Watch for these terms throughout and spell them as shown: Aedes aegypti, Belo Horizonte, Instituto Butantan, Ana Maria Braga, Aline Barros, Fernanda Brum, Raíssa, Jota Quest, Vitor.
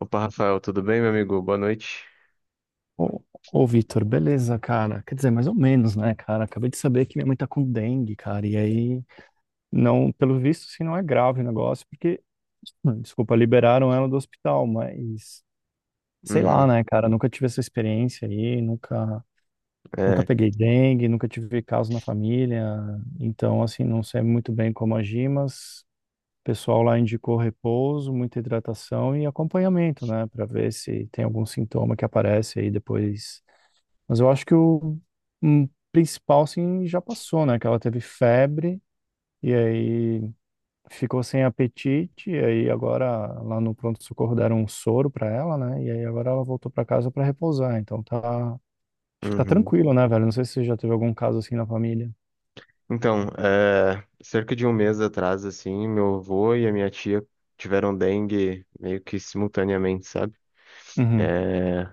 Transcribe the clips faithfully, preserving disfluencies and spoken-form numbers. Opa, Rafael, tudo bem, meu amigo? Boa noite. Ô, ô Vitor, beleza, cara? Quer dizer, mais ou menos, né, cara? Acabei de saber que minha mãe tá com dengue, cara. E aí, não, pelo visto, assim, não é grave o negócio, porque, hum, desculpa, liberaram ela do hospital, mas sei lá, Uhum, né, cara? Nunca tive essa experiência aí, nunca, nunca é, peguei dengue, nunca tive caso na família. Então, assim, não sei muito bem como agir, mas o pessoal lá indicou repouso, muita hidratação e acompanhamento, né, pra ver se tem algum sintoma que aparece aí depois. Mas eu acho que o hum, principal, assim, já passou, né? Que ela teve febre e aí ficou sem apetite. E aí agora lá no pronto-socorro deram um soro pra ela, né? E aí agora ela voltou pra casa pra repousar. Então tá. Acho que tá uhum. tranquilo, né, velho? Não sei se você já teve algum caso assim na família. Então, é, cerca de um mês atrás, assim, meu avô e a minha tia tiveram dengue meio que simultaneamente, sabe? Uhum, É,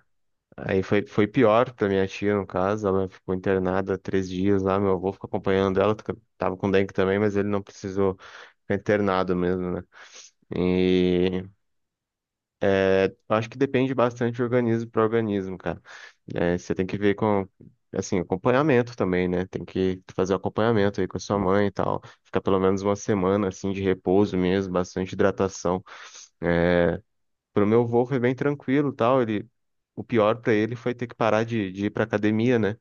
aí foi, foi pior pra minha tia, no caso. Ela ficou internada três dias lá, meu avô ficou acompanhando ela, tava com dengue também, mas ele não precisou ficar internado mesmo, né? E É, Acho que depende bastante de organismo para organismo, cara. É, você tem que ver com, assim, acompanhamento também, né? Tem que fazer o acompanhamento aí com a sua mãe e tal. Ficar pelo menos uma semana, assim, de repouso mesmo, bastante hidratação. É, Pro meu avô foi bem tranquilo e tal. Ele, o pior para ele foi ter que parar de, de ir pra academia, né?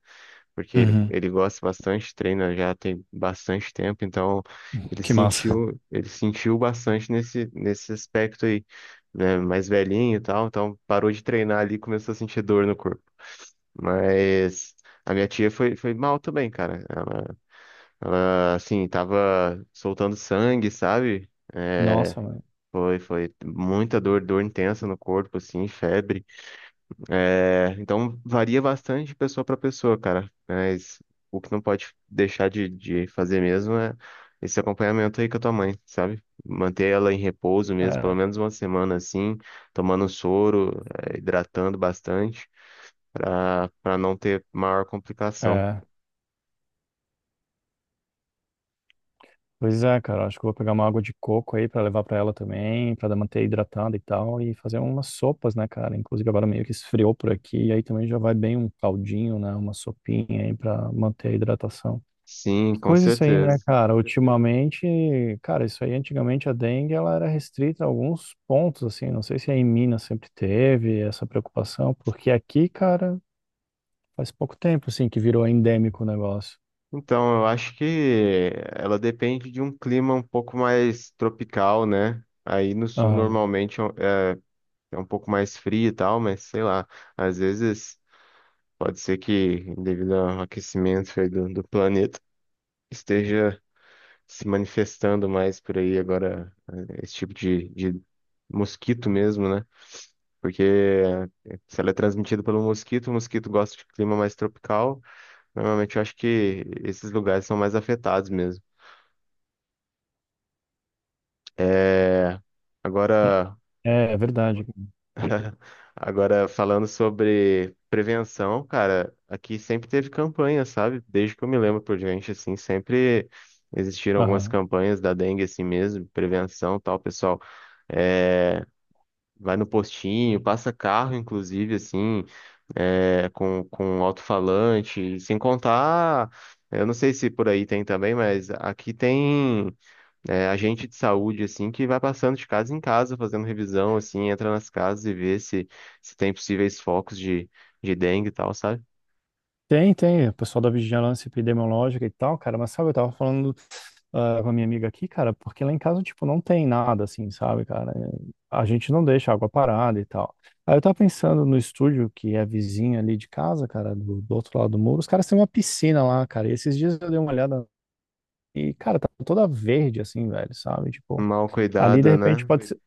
Porque ele, uhum. ele gosta bastante, treina já tem bastante tempo. Então ele Que massa. sentiu, ele sentiu bastante nesse, nesse aspecto aí, né? Mais velhinho e tal, então parou de treinar ali e começou a sentir dor no corpo. Mas a minha tia foi, foi mal também, cara. Ela, ah, assim, tava soltando sangue, sabe? É, Nossa, mano. foi, foi muita dor, dor intensa no corpo, assim, febre. É, então varia bastante de pessoa para pessoa, cara. Mas o que não pode deixar de, de fazer mesmo é esse acompanhamento aí com a tua mãe, sabe? Manter ela em repouso mesmo, pelo É, menos uma semana assim, tomando soro, é, hidratando bastante, para para não ter maior complicação. é. Pois é, cara, acho que eu vou pegar uma água de coco aí pra levar pra ela também, pra manter hidratada e tal, e fazer umas sopas, né, cara? Inclusive agora meio que esfriou por aqui, e aí também já vai bem um caldinho, né, uma sopinha aí pra manter a hidratação. Sim, Que com coisa isso aí, né, certeza. cara? Ultimamente, cara, isso aí antigamente a dengue ela era restrita a alguns pontos, assim, não sei se aí em Minas sempre teve essa preocupação, porque aqui, cara, faz pouco tempo, assim, que virou endêmico o negócio. Então, eu acho que ela depende de um clima um pouco mais tropical, né? Aí no sul Aham. normalmente é um, é um pouco mais frio e tal, mas sei lá, às vezes pode ser que, devido ao aquecimento aí do, do planeta, esteja se manifestando mais por aí agora, eh, esse tipo de, de mosquito mesmo, né? Porque eh, se ela é transmitida pelo mosquito, o mosquito gosta de clima mais tropical, normalmente eu acho que esses lugares são mais afetados mesmo. É, agora. É, é verdade. Agora, falando sobre prevenção, cara, aqui sempre teve campanha, sabe? Desde que eu me lembro por diante, assim, sempre existiram algumas Aham. campanhas da dengue, assim mesmo, prevenção, tal, pessoal. É, vai no postinho, passa carro, inclusive, assim, é, com, com um alto-falante, sem contar. Eu não sei se por aí tem também, mas aqui tem é, agente de saúde, assim, que vai passando de casa em casa, fazendo revisão, assim, entra nas casas e vê se, se tem possíveis focos de, de dengue e tal, sabe? Tem, tem, o pessoal da vigilância epidemiológica e tal, cara, mas sabe, eu tava falando ah, com a minha amiga aqui, cara, porque lá em casa, tipo, não tem nada assim, sabe, cara? É, a gente não deixa água parada e tal. Aí eu tava pensando no estúdio, que é vizinho ali de casa, cara, do, do outro lado do muro, os caras têm uma piscina lá, cara, e esses dias eu dei uma olhada e, cara, tá toda verde assim, velho, sabe? Tipo, Mal ali de cuidada, repente né? pode ser.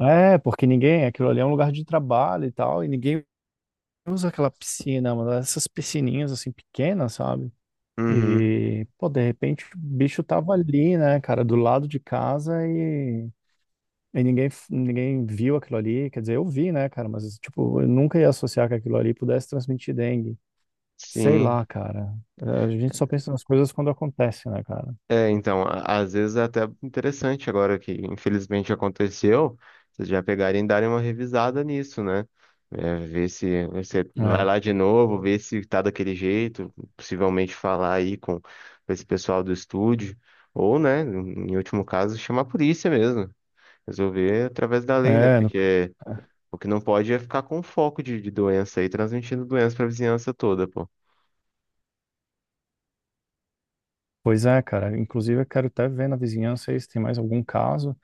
É, porque ninguém, aquilo ali é um lugar de trabalho e tal, e ninguém usa aquela piscina, mano, essas piscininhas assim pequenas, sabe? Uhum. E, pô, de repente o bicho tava ali, né, cara, do lado de casa e, e ninguém, ninguém viu aquilo ali. Quer dizer, eu vi, né, cara, mas, tipo, eu nunca ia associar que aquilo ali pudesse transmitir dengue. Sei Sim. lá, cara. A gente só pensa nas coisas quando acontece, né, cara? É, então, a- às vezes é até interessante agora que infelizmente aconteceu, vocês já pegarem e darem uma revisada nisso, né? É, ver se você vai É. lá de novo, ver se tá daquele jeito, possivelmente falar aí com esse pessoal do estúdio, ou, né, em último caso, chamar a polícia mesmo, resolver através da lei, né? É, no- Porque o que não pode é ficar com foco de, de doença aí, transmitindo doença pra vizinhança toda, pô. pois é, cara. Inclusive, eu quero até ver na vizinhança aí se tem mais algum caso.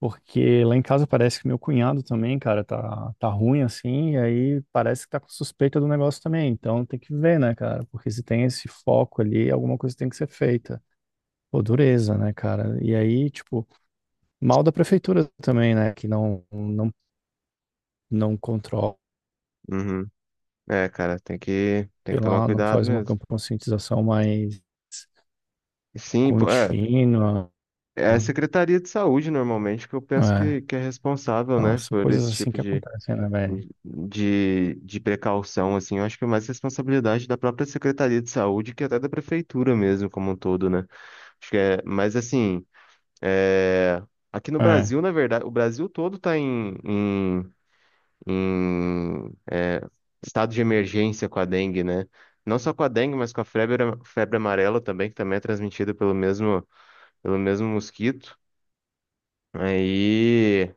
Porque lá em casa parece que meu cunhado também, cara, tá, tá ruim assim, e aí parece que tá com suspeita do negócio também. Então tem que ver, né, cara? Porque se tem esse foco ali, alguma coisa tem que ser feita. Pô, dureza, né, cara? E aí, tipo, mal da prefeitura também, né? Que não, não, não controla, Uhum. É, cara, tem que, tem sei que tomar lá, não cuidado faz uma mesmo. campanha de conscientização mais Sim, pô, é. contínua. É a Secretaria de Saúde, normalmente, que eu penso É, que, que é responsável, então, né, são por coisas esse assim tipo que de, acontecem, né, velho? de, de precaução, assim. Eu acho que é mais responsabilidade da própria Secretaria de Saúde que até da Prefeitura mesmo, como um todo, né? Acho que é, mas, assim, é, aqui no É, Brasil, na verdade, o Brasil todo está em, em, em é, estado de emergência com a dengue, né? Não só com a dengue, mas com a febre, febre amarela também, que também é transmitida pelo mesmo, pelo mesmo mosquito. Aí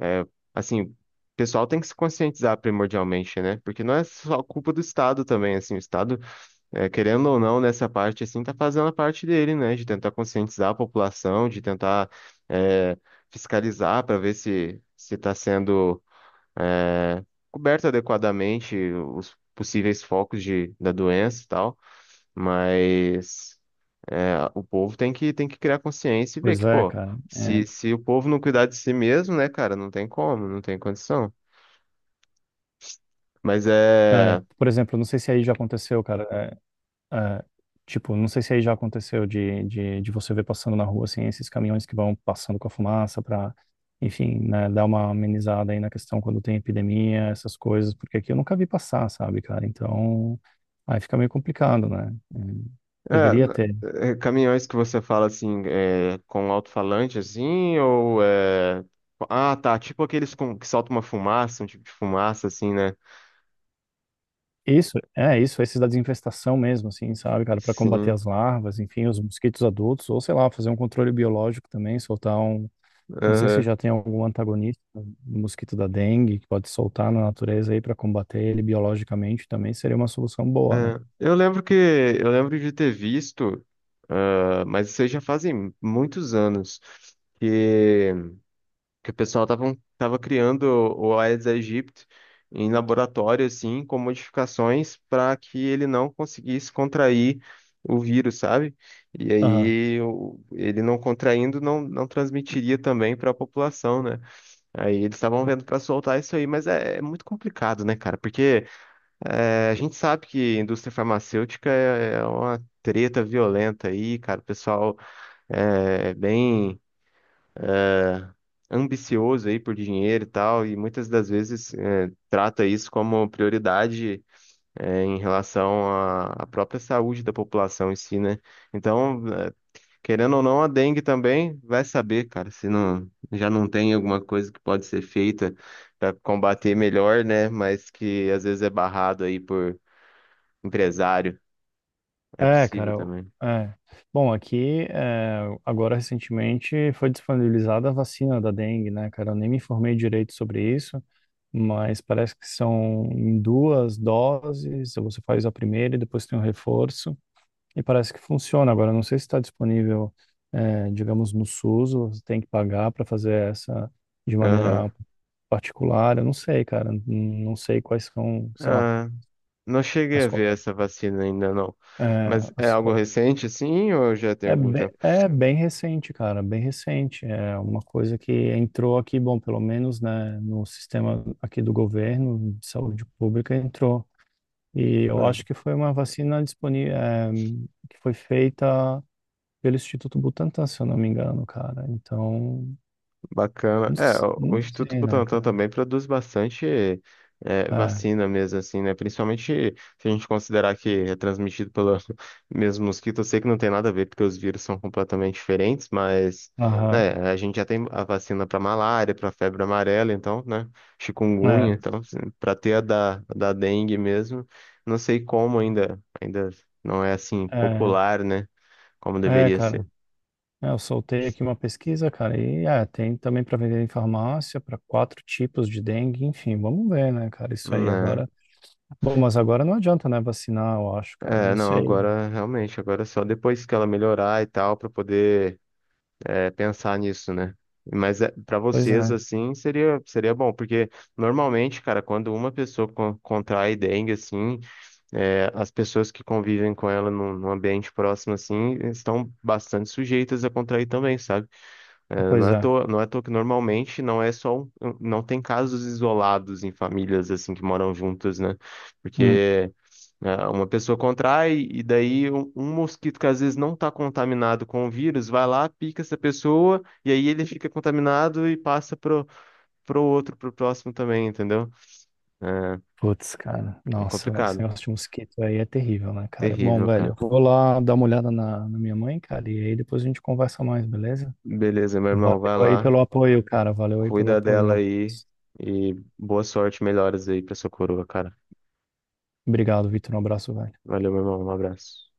É, assim, o pessoal tem que se conscientizar primordialmente, né? Porque não é só culpa do Estado também. Assim, o Estado, é, querendo ou não, nessa parte, assim, tá fazendo a parte dele, né? De tentar conscientizar a população, de tentar, é, fiscalizar para ver se se tá sendo, é, coberto adequadamente os possíveis focos de, da doença e tal, mas é, o povo tem que, tem que criar consciência e ver pois que, é, pô, cara. É. se, se o povo não cuidar de si mesmo, né, cara, não tem como, não tem condição. Mas É, é, por exemplo, não sei se aí já aconteceu, cara. É, é, tipo, não sei se aí já aconteceu de, de, de você ver passando na rua, assim, esses caminhões que vão passando com a fumaça para, enfim, né, dar uma amenizada aí na questão quando tem epidemia, essas coisas, porque aqui eu nunca vi passar, sabe, cara? Então, aí fica meio complicado, né? Hum, é, deveria n- ter. é caminhões que você fala assim, é, com alto-falante assim, ou é. Ah, tá. Tipo aqueles com, que soltam uma fumaça, um tipo de fumaça, assim, né? Isso, é isso, esses da desinfestação mesmo, assim, sabe, cara, para combater Sim. as larvas, enfim, os mosquitos adultos, ou sei lá, fazer um controle biológico também, soltar um... Não sei se Aham. já tem algum antagonista, do mosquito da dengue, que pode soltar na natureza aí para combater ele biologicamente também seria uma solução boa, né? É, Eu lembro que eu lembro de ter visto, ah, mas isso aí já fazem muitos anos. Que o pessoal tava, tava criando o Aedes aegypti em laboratório, assim, com modificações para que ele não conseguisse contrair o vírus, sabe? E Aham. aí o- ele não contraindo não, não transmitiria também para a população, né? Aí eles estavam vendo para soltar isso aí, mas é, é muito complicado, né, cara? Porque é, a gente sabe que indústria farmacêutica é, é uma treta violenta aí, cara. O pessoal é bem ambicioso aí por dinheiro e tal, e muitas das vezes é, trata isso como prioridade é, em relação à, à própria saúde da população em si, né? Então, é, querendo ou não, a dengue também vai saber, cara, se não já não tem alguma coisa que pode ser feita para combater melhor, né? Mas que às vezes é barrado aí por empresário, é É, possível cara. eu- também. É. Bom, aqui, é, agora recentemente foi disponibilizada a vacina da dengue, né, cara? Eu nem me informei direito sobre isso, mas parece que são em duas doses, você faz a primeira e depois tem um reforço. E parece que funciona. Agora, eu não sei se está disponível, eh, digamos, no SUS, ou você tem que pagar para fazer essa de Aham. maneira particular. Eu não sei, cara. N- Não sei quais são, sei lá, Ah, não cheguei as, a co- ver essa vacina ainda não. eh, Mas é as algo co- recente, assim, ou já tem é, algum bem, tempo? é bem recente, cara, bem recente. É uma coisa que entrou aqui, bom, pelo menos, né, no sistema aqui do governo de saúde pública entrou. E eu Ah, acho que foi uma vacina disponível, é, que foi feita pelo Instituto Butantan, se eu não me engano, cara. Então, bacana. não, É, s- o o não Instituto sei, né, Butantan cara? também produz bastante é, É, vacina mesmo, assim, né? Principalmente se a gente considerar que é transmitido pelo mesmo mosquito. Eu sei que não tem nada a ver, porque os vírus são completamente diferentes, mas, aham, né, a gente já tem a vacina para malária, para febre amarela, então, né? Chikungunya, é, então, para ter a da, da dengue mesmo. Não sei como ainda, ainda não é assim popular, né? Como é, é, deveria cara. ser. É, eu soltei aqui uma pesquisa, cara, e é, tem também para vender em farmácia para quatro tipos de dengue, enfim, vamos ver, né, cara, isso aí Né? agora. Bom, mas agora não adianta, né, vacinar, eu acho, cara, É, não não, sei. agora realmente, agora é só depois que ela melhorar e tal, pra poder, é, pensar nisso, né? Mas é, para Pois vocês, é, assim, seria, seria bom, porque normalmente, cara, quando uma pessoa con- contrai dengue, assim, é, as pessoas que convivem com ela num, num ambiente próximo, assim, estão bastante sujeitas a contrair também, sabe? É, não pois é à é. toa, não é à toa que normalmente não é só, um- um, não tem casos isolados em famílias, assim, que moram juntas, né? Hum. Porque. É, uma pessoa contrai e daí um, um mosquito que às vezes não está contaminado com o vírus vai lá, pica essa pessoa e aí ele fica contaminado e passa pro, pro outro, pro próximo também, entendeu? É, Putz, cara, é nossa, velho, esse complicado. negócio de mosquito aí é terrível, né, cara? Bom, Terrível, velho, cara. eu vou lá dar uma olhada na, na minha mãe, cara, e aí depois a gente conversa mais, beleza? Beleza, meu irmão, vai Valeu aí lá, pelo apoio, cara, valeu aí pelo cuida apoio. Um dela aí abraço. e boa sorte, melhoras aí pra sua coroa, cara. Obrigado, Vitor, um abraço, velho. Valeu, meu irmão, um abraço.